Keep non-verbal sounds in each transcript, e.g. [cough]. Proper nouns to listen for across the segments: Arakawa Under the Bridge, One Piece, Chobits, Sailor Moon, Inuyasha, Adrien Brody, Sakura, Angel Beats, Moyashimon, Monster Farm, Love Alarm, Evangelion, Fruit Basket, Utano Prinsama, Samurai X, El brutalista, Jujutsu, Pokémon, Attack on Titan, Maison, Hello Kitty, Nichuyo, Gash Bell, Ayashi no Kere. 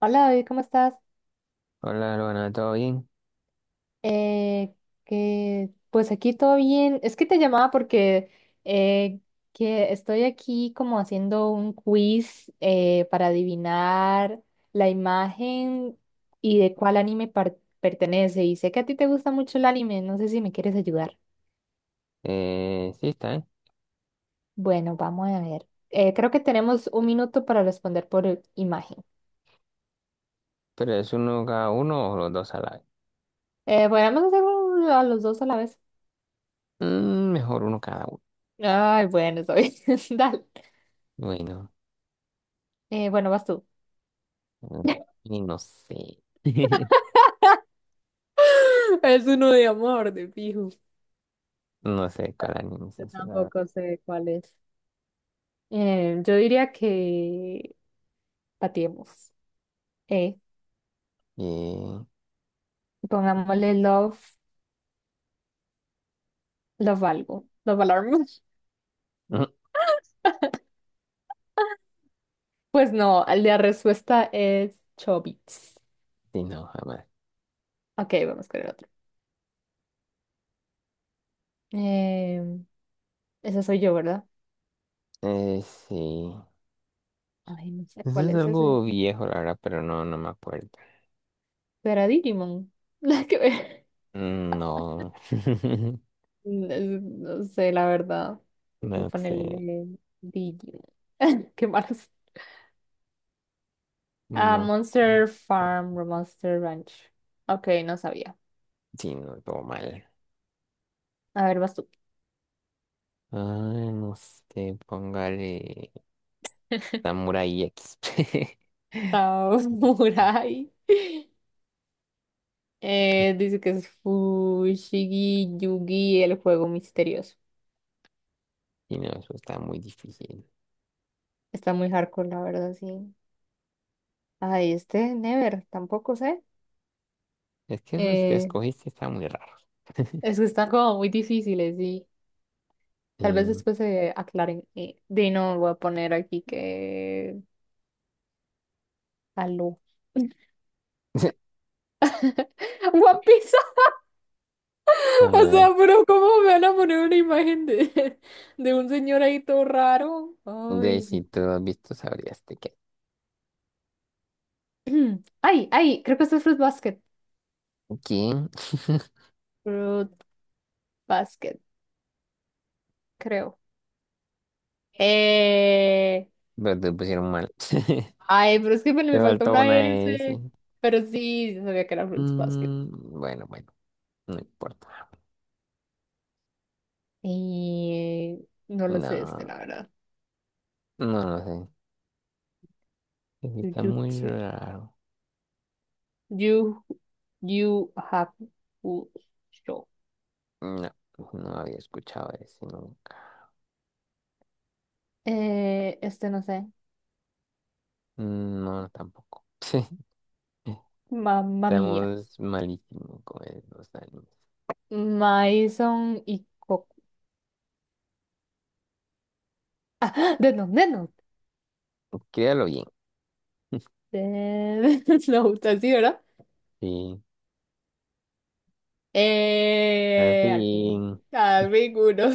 Hola David, ¿cómo estás? Hola, Luana, ¿todo bien? Eh, que pues aquí todo bien. Es que te llamaba porque eh, que estoy aquí como haciendo un quiz para adivinar la imagen y de cuál anime pertenece. Y sé que a ti te gusta mucho el anime, no sé si me quieres ayudar. Sí, está, ¿eh? Bueno, vamos a ver. Creo que tenemos 1 minuto para responder por imagen. Pero es uno cada uno o los dos a la vez. Bueno, vamos a hacer a los dos a la vez. Mm, mejor uno cada uno. Ay, bueno, está bien. [laughs] Dale. Bueno, Bueno, vas tú. mm, y no sé. [laughs] [laughs] Es uno de amor, de fijo. No sé cuál anime es Yo ese, la verdad. tampoco sé cuál es. Yo diría que patiemos. Eh, Eh, Pongámosle love algo. Love alarm. [laughs] mm, Pues no, la respuesta es Chobits. sí, no, jamás. Ok, vamos con el otro. Eh, Ese soy yo, ¿verdad? Sí. Ay, no sé Eso cuál es es ese. algo viejo, la verdad, pero no, no me acuerdo. ¿Será Digimon? [laughs] La que ve- Mm. No. [laughs] No no sé, la verdad. No Voy a sé. ponerle Digimon. [laughs] Qué malos. Ah, No sé. Monster Farm, o Monster Ranch. Ok, no sabía. Sí, no, todo mal. A ver, vas tú. Ah, no sé, póngale. Samurai X. [laughs] Ah, [laughs] Samurai. Dice que es Fushigi Yugi, el juego misterioso. Y no, eso está muy difícil. Está muy hardcore, la verdad, sí. Ay, este, Never, tampoco sé. Es que esos que Eh, escogiste están muy raros. [laughs] es que están como muy difíciles y Sí. tal vez después se aclaren. Dino, voy a poner aquí que. Aló. [laughs] [laughs] One Piece. A O ver, sea, pero ¿cómo me van a poner una imagen [laughs] de un señor ahí todo raro? de Ay. si tú has visto, sabrías de qué. [clears throat] Ay, ay, creo que esto es Fruit Basket. ¿Quién? [laughs] Fruit Basket, creo. Eh, Pero te pusieron mal. [laughs] Ay, pero es que me, Te me faltó faltó una una S. S. Pero sí, yo sabía que era Fruit Basket. Mm, bueno, bueno, no importa. Y no lo sé, este, No, la verdad. no lo sé. Eso está muy Jujutsu. raro. You, you have show. No, no había escuchado ese nunca. Este no sé. No, tampoco. [laughs] Mamma mía. Estamos malísimo con los animes. Maison y Coco. [laughs] Ah, The Note, The Note. Créalo bien. The [laughs] Note, así, ¿verdad? Sí. Al fin, Así. al fin uno. [laughs]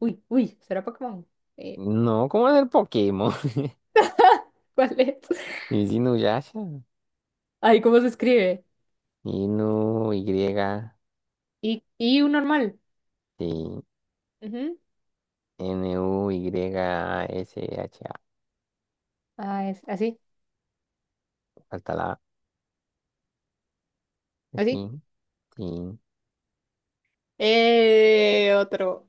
Uy, uy, ¿será Pokémon? Eh, No, ¿cómo es el Pokémon? [laughs] [laughs] ¿cuál es? Es Inuyasha. Ay, ¿cómo se escribe? Inu, Y, Y un normal. sí. Ujú. N-U-Y-S-H-A. Ah, es así, Falta la. A. así. Sí, sí. Otro.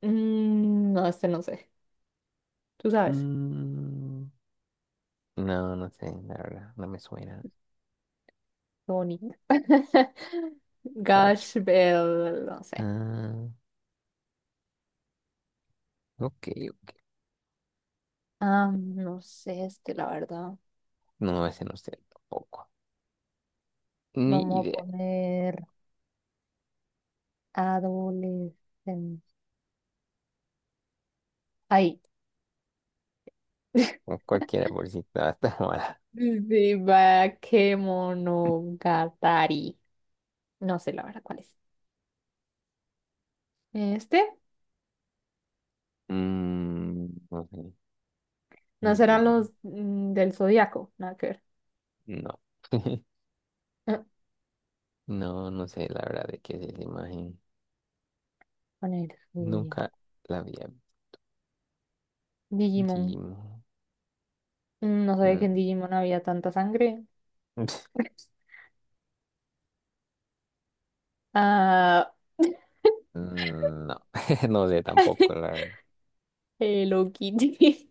Mm, no, este no sé. Tú sabes. Mm, no, no sé, la verdad. No me suena. Tony [laughs] Sach- Gash Bell, no sé. Ah, ok. Ah, no sé, este, la verdad. No, ese no sé tampoco. Ni Vamos a idea. poner. Adolescencia. Ahí. O [laughs] cualquiera por si estaba tan [laughs] mala. Sí, va, Kemonogatari. No sé la verdad cuál es. Este, Mm, no sé. no serán No, los del Zodíaco, nada que ver. [laughs] no, [laughs] Ah, no sé la verdad de qué es esa imagen. con el Nunca zodiaco. la había Digimon. visto. No sabía que en Mm. Digimon había tanta sangre. [laughs] [laughs] Ah, [laughs] No, [laughs] no sé tampoco la verdad. Hello Kitty.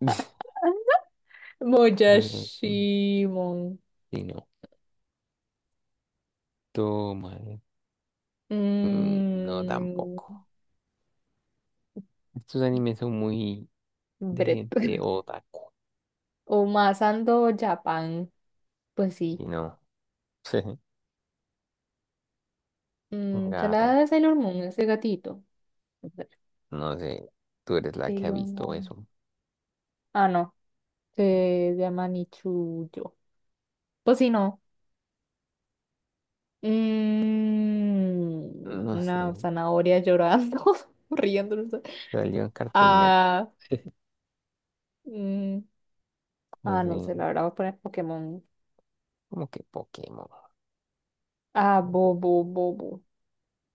[laughs] [laughs] Mm. Moyashimon. Sí, no. Toma. Mm. No, Mm, tampoco. Estos animes son muy de Brett. gente [laughs] otaku. O Masando Japan. Pues sí. Y no. [laughs] Un Se la da gato. de Sailor Moon, ese gatito. A ver, No sé. Tú eres la que ha Sailor visto Moon. eso. Ah, no. Se llama Nichuyo. Pues sí, no. Mm, No sé. una zanahoria llorando, [laughs] riéndose. Salió en Cartoon Network. Ah, mm, No ah, sé. no sé, la verdad voy a poner Pokémon. Como que Pokémon. Ah, Bobo, Bobo.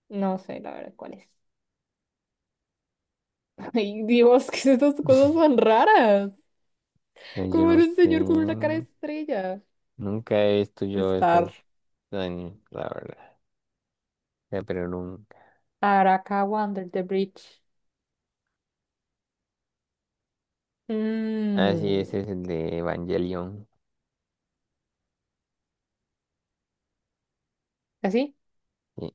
No sé, la verdad, ¿cuál es? [laughs] Ay, Dios, ¿qué es estas cosas tan raras? Ay, yo Como no era un sé. señor con una cara de estrella. Nunca he visto yo Star. esas animes, la verdad. O sea, pero nunca. Arakawa Under the Bridge. Ah, sí, Mm, ese es el de Evangelion. ¿Así? Sí.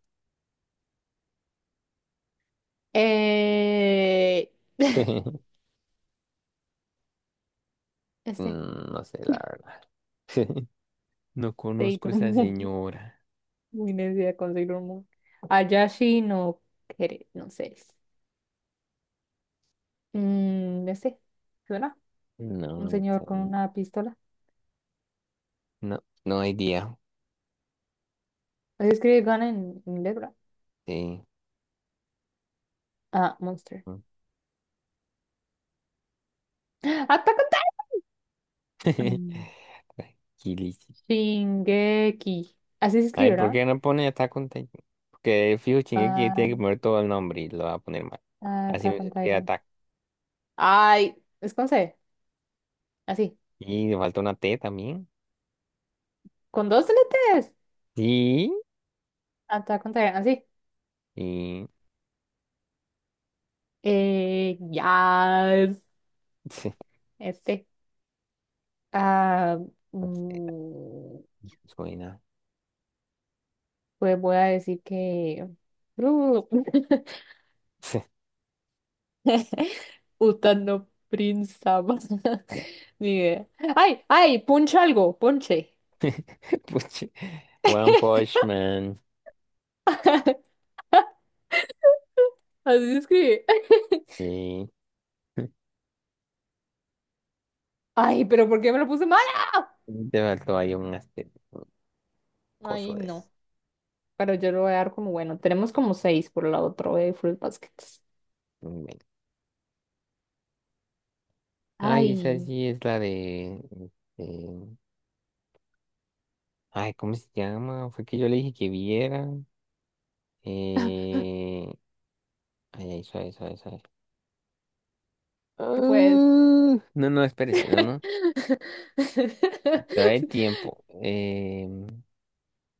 Eh, [laughs] [laughs] este, Mm. No sé, la verdad. [laughs] No conozco a Sailor esa Moon. [laughs] señora. Muy necia con Sailor Moon. Ayashi no Kere, no sé. Este, ¿suena? No, Un no señor sé. con una pistola. No, no hay día. Así escribe Gun en inglés, ¿verdad? Sí. Ah, Monster. Mm. [gasps] ¡Ah, Attack on Titan! Mm, [laughs] Tranquilísimo. Shingeki. Así se Ay, escribe, ¿por ¿verdad? qué no pone Attack on Titan? Porque fijo, Shingeki Ah, tiene que poner todo el nombre y lo va a poner mal. ah, Así no Attack on se crea Titan. Attack. Ay, es con C. Así. Y le falta una T también. Con dos letras. Sí. Attack on Titan, sí. Y Yes. [laughs] sí, Este. Ah, no sé, mm, suena. pues voy a decir que. [laughs] [laughs] Utano Prinsama. [laughs] Ni idea. ¡Ay! ¡Ay! ¡Puncha algo! ¡Ponche! Puchi, One [laughs] Punch Man. Así se escribe. [laughs] Y ¡Ay! ¿Pero por qué me lo puse mala? [laughs] te faltó ahí [laughs] un coso Ay, de eso. no. Pero yo lo voy a dar como bueno. Tenemos como seis por la otra de Fruit Baskets. Bueno. Ay, esa Ay, sí es la de. este, Ay, ¿cómo se llama? Fue que yo le dije que viera. Eh... Ay, ay, suave, suave, suave. pues. Ah, No, no, espérese, no, no. [laughs] Todavía hay tiempo.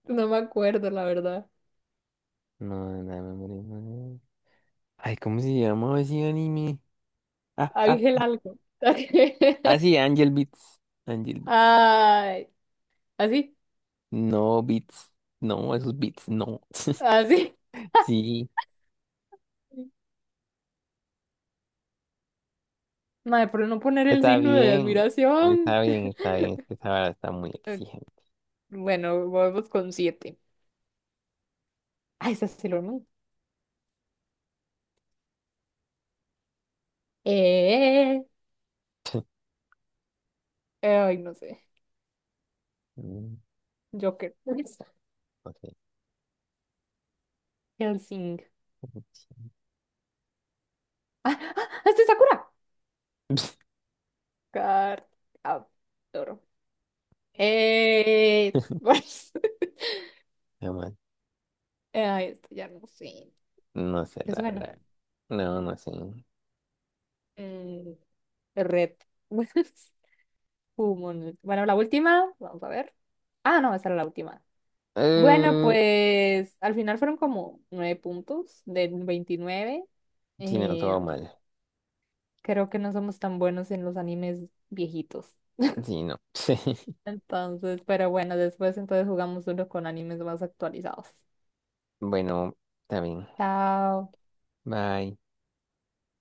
No me acuerdo, la verdad. No, no, no, no, no, no. Ay, ¿cómo se llama ese anime? Ah, Ángel algo. [laughs] Ah, sí, Angel Beats. Angel Beats. Ay, así, No, Beats. No, esos Beats, no. así. [laughs] Sí, [laughs] Madre, por no poner el está signo de bien. admiración. Está bien, está bien. Es que [laughs] esa vara está muy Eh, exigente. Bueno, volvemos con siete. Ay, esa es Sailor Moon. Eh, [laughs] ay, no sé. Mm. Joker. No sé. Helsing. [laughs] Ah, ah, este es Sakura. Car- ah, Toro. Eh, [laughs] [laughs] Nada más, ay, esto ya no sé. No sé, ¿Te la suena? verdad. No, no sé. Eh, red. [laughs] Humanoid. Bueno, la última, vamos a ver. Ah, no, esa era la última. Bueno, Eh, pues al final fueron como 9 puntos de 29. sí, no, Eh, todo mal. Creo que no somos tan buenos en los animes viejitos. Sí, no. [laughs] Entonces, pero bueno, después entonces jugamos uno con animes más actualizados. Bueno, está bien. Chao. Bye.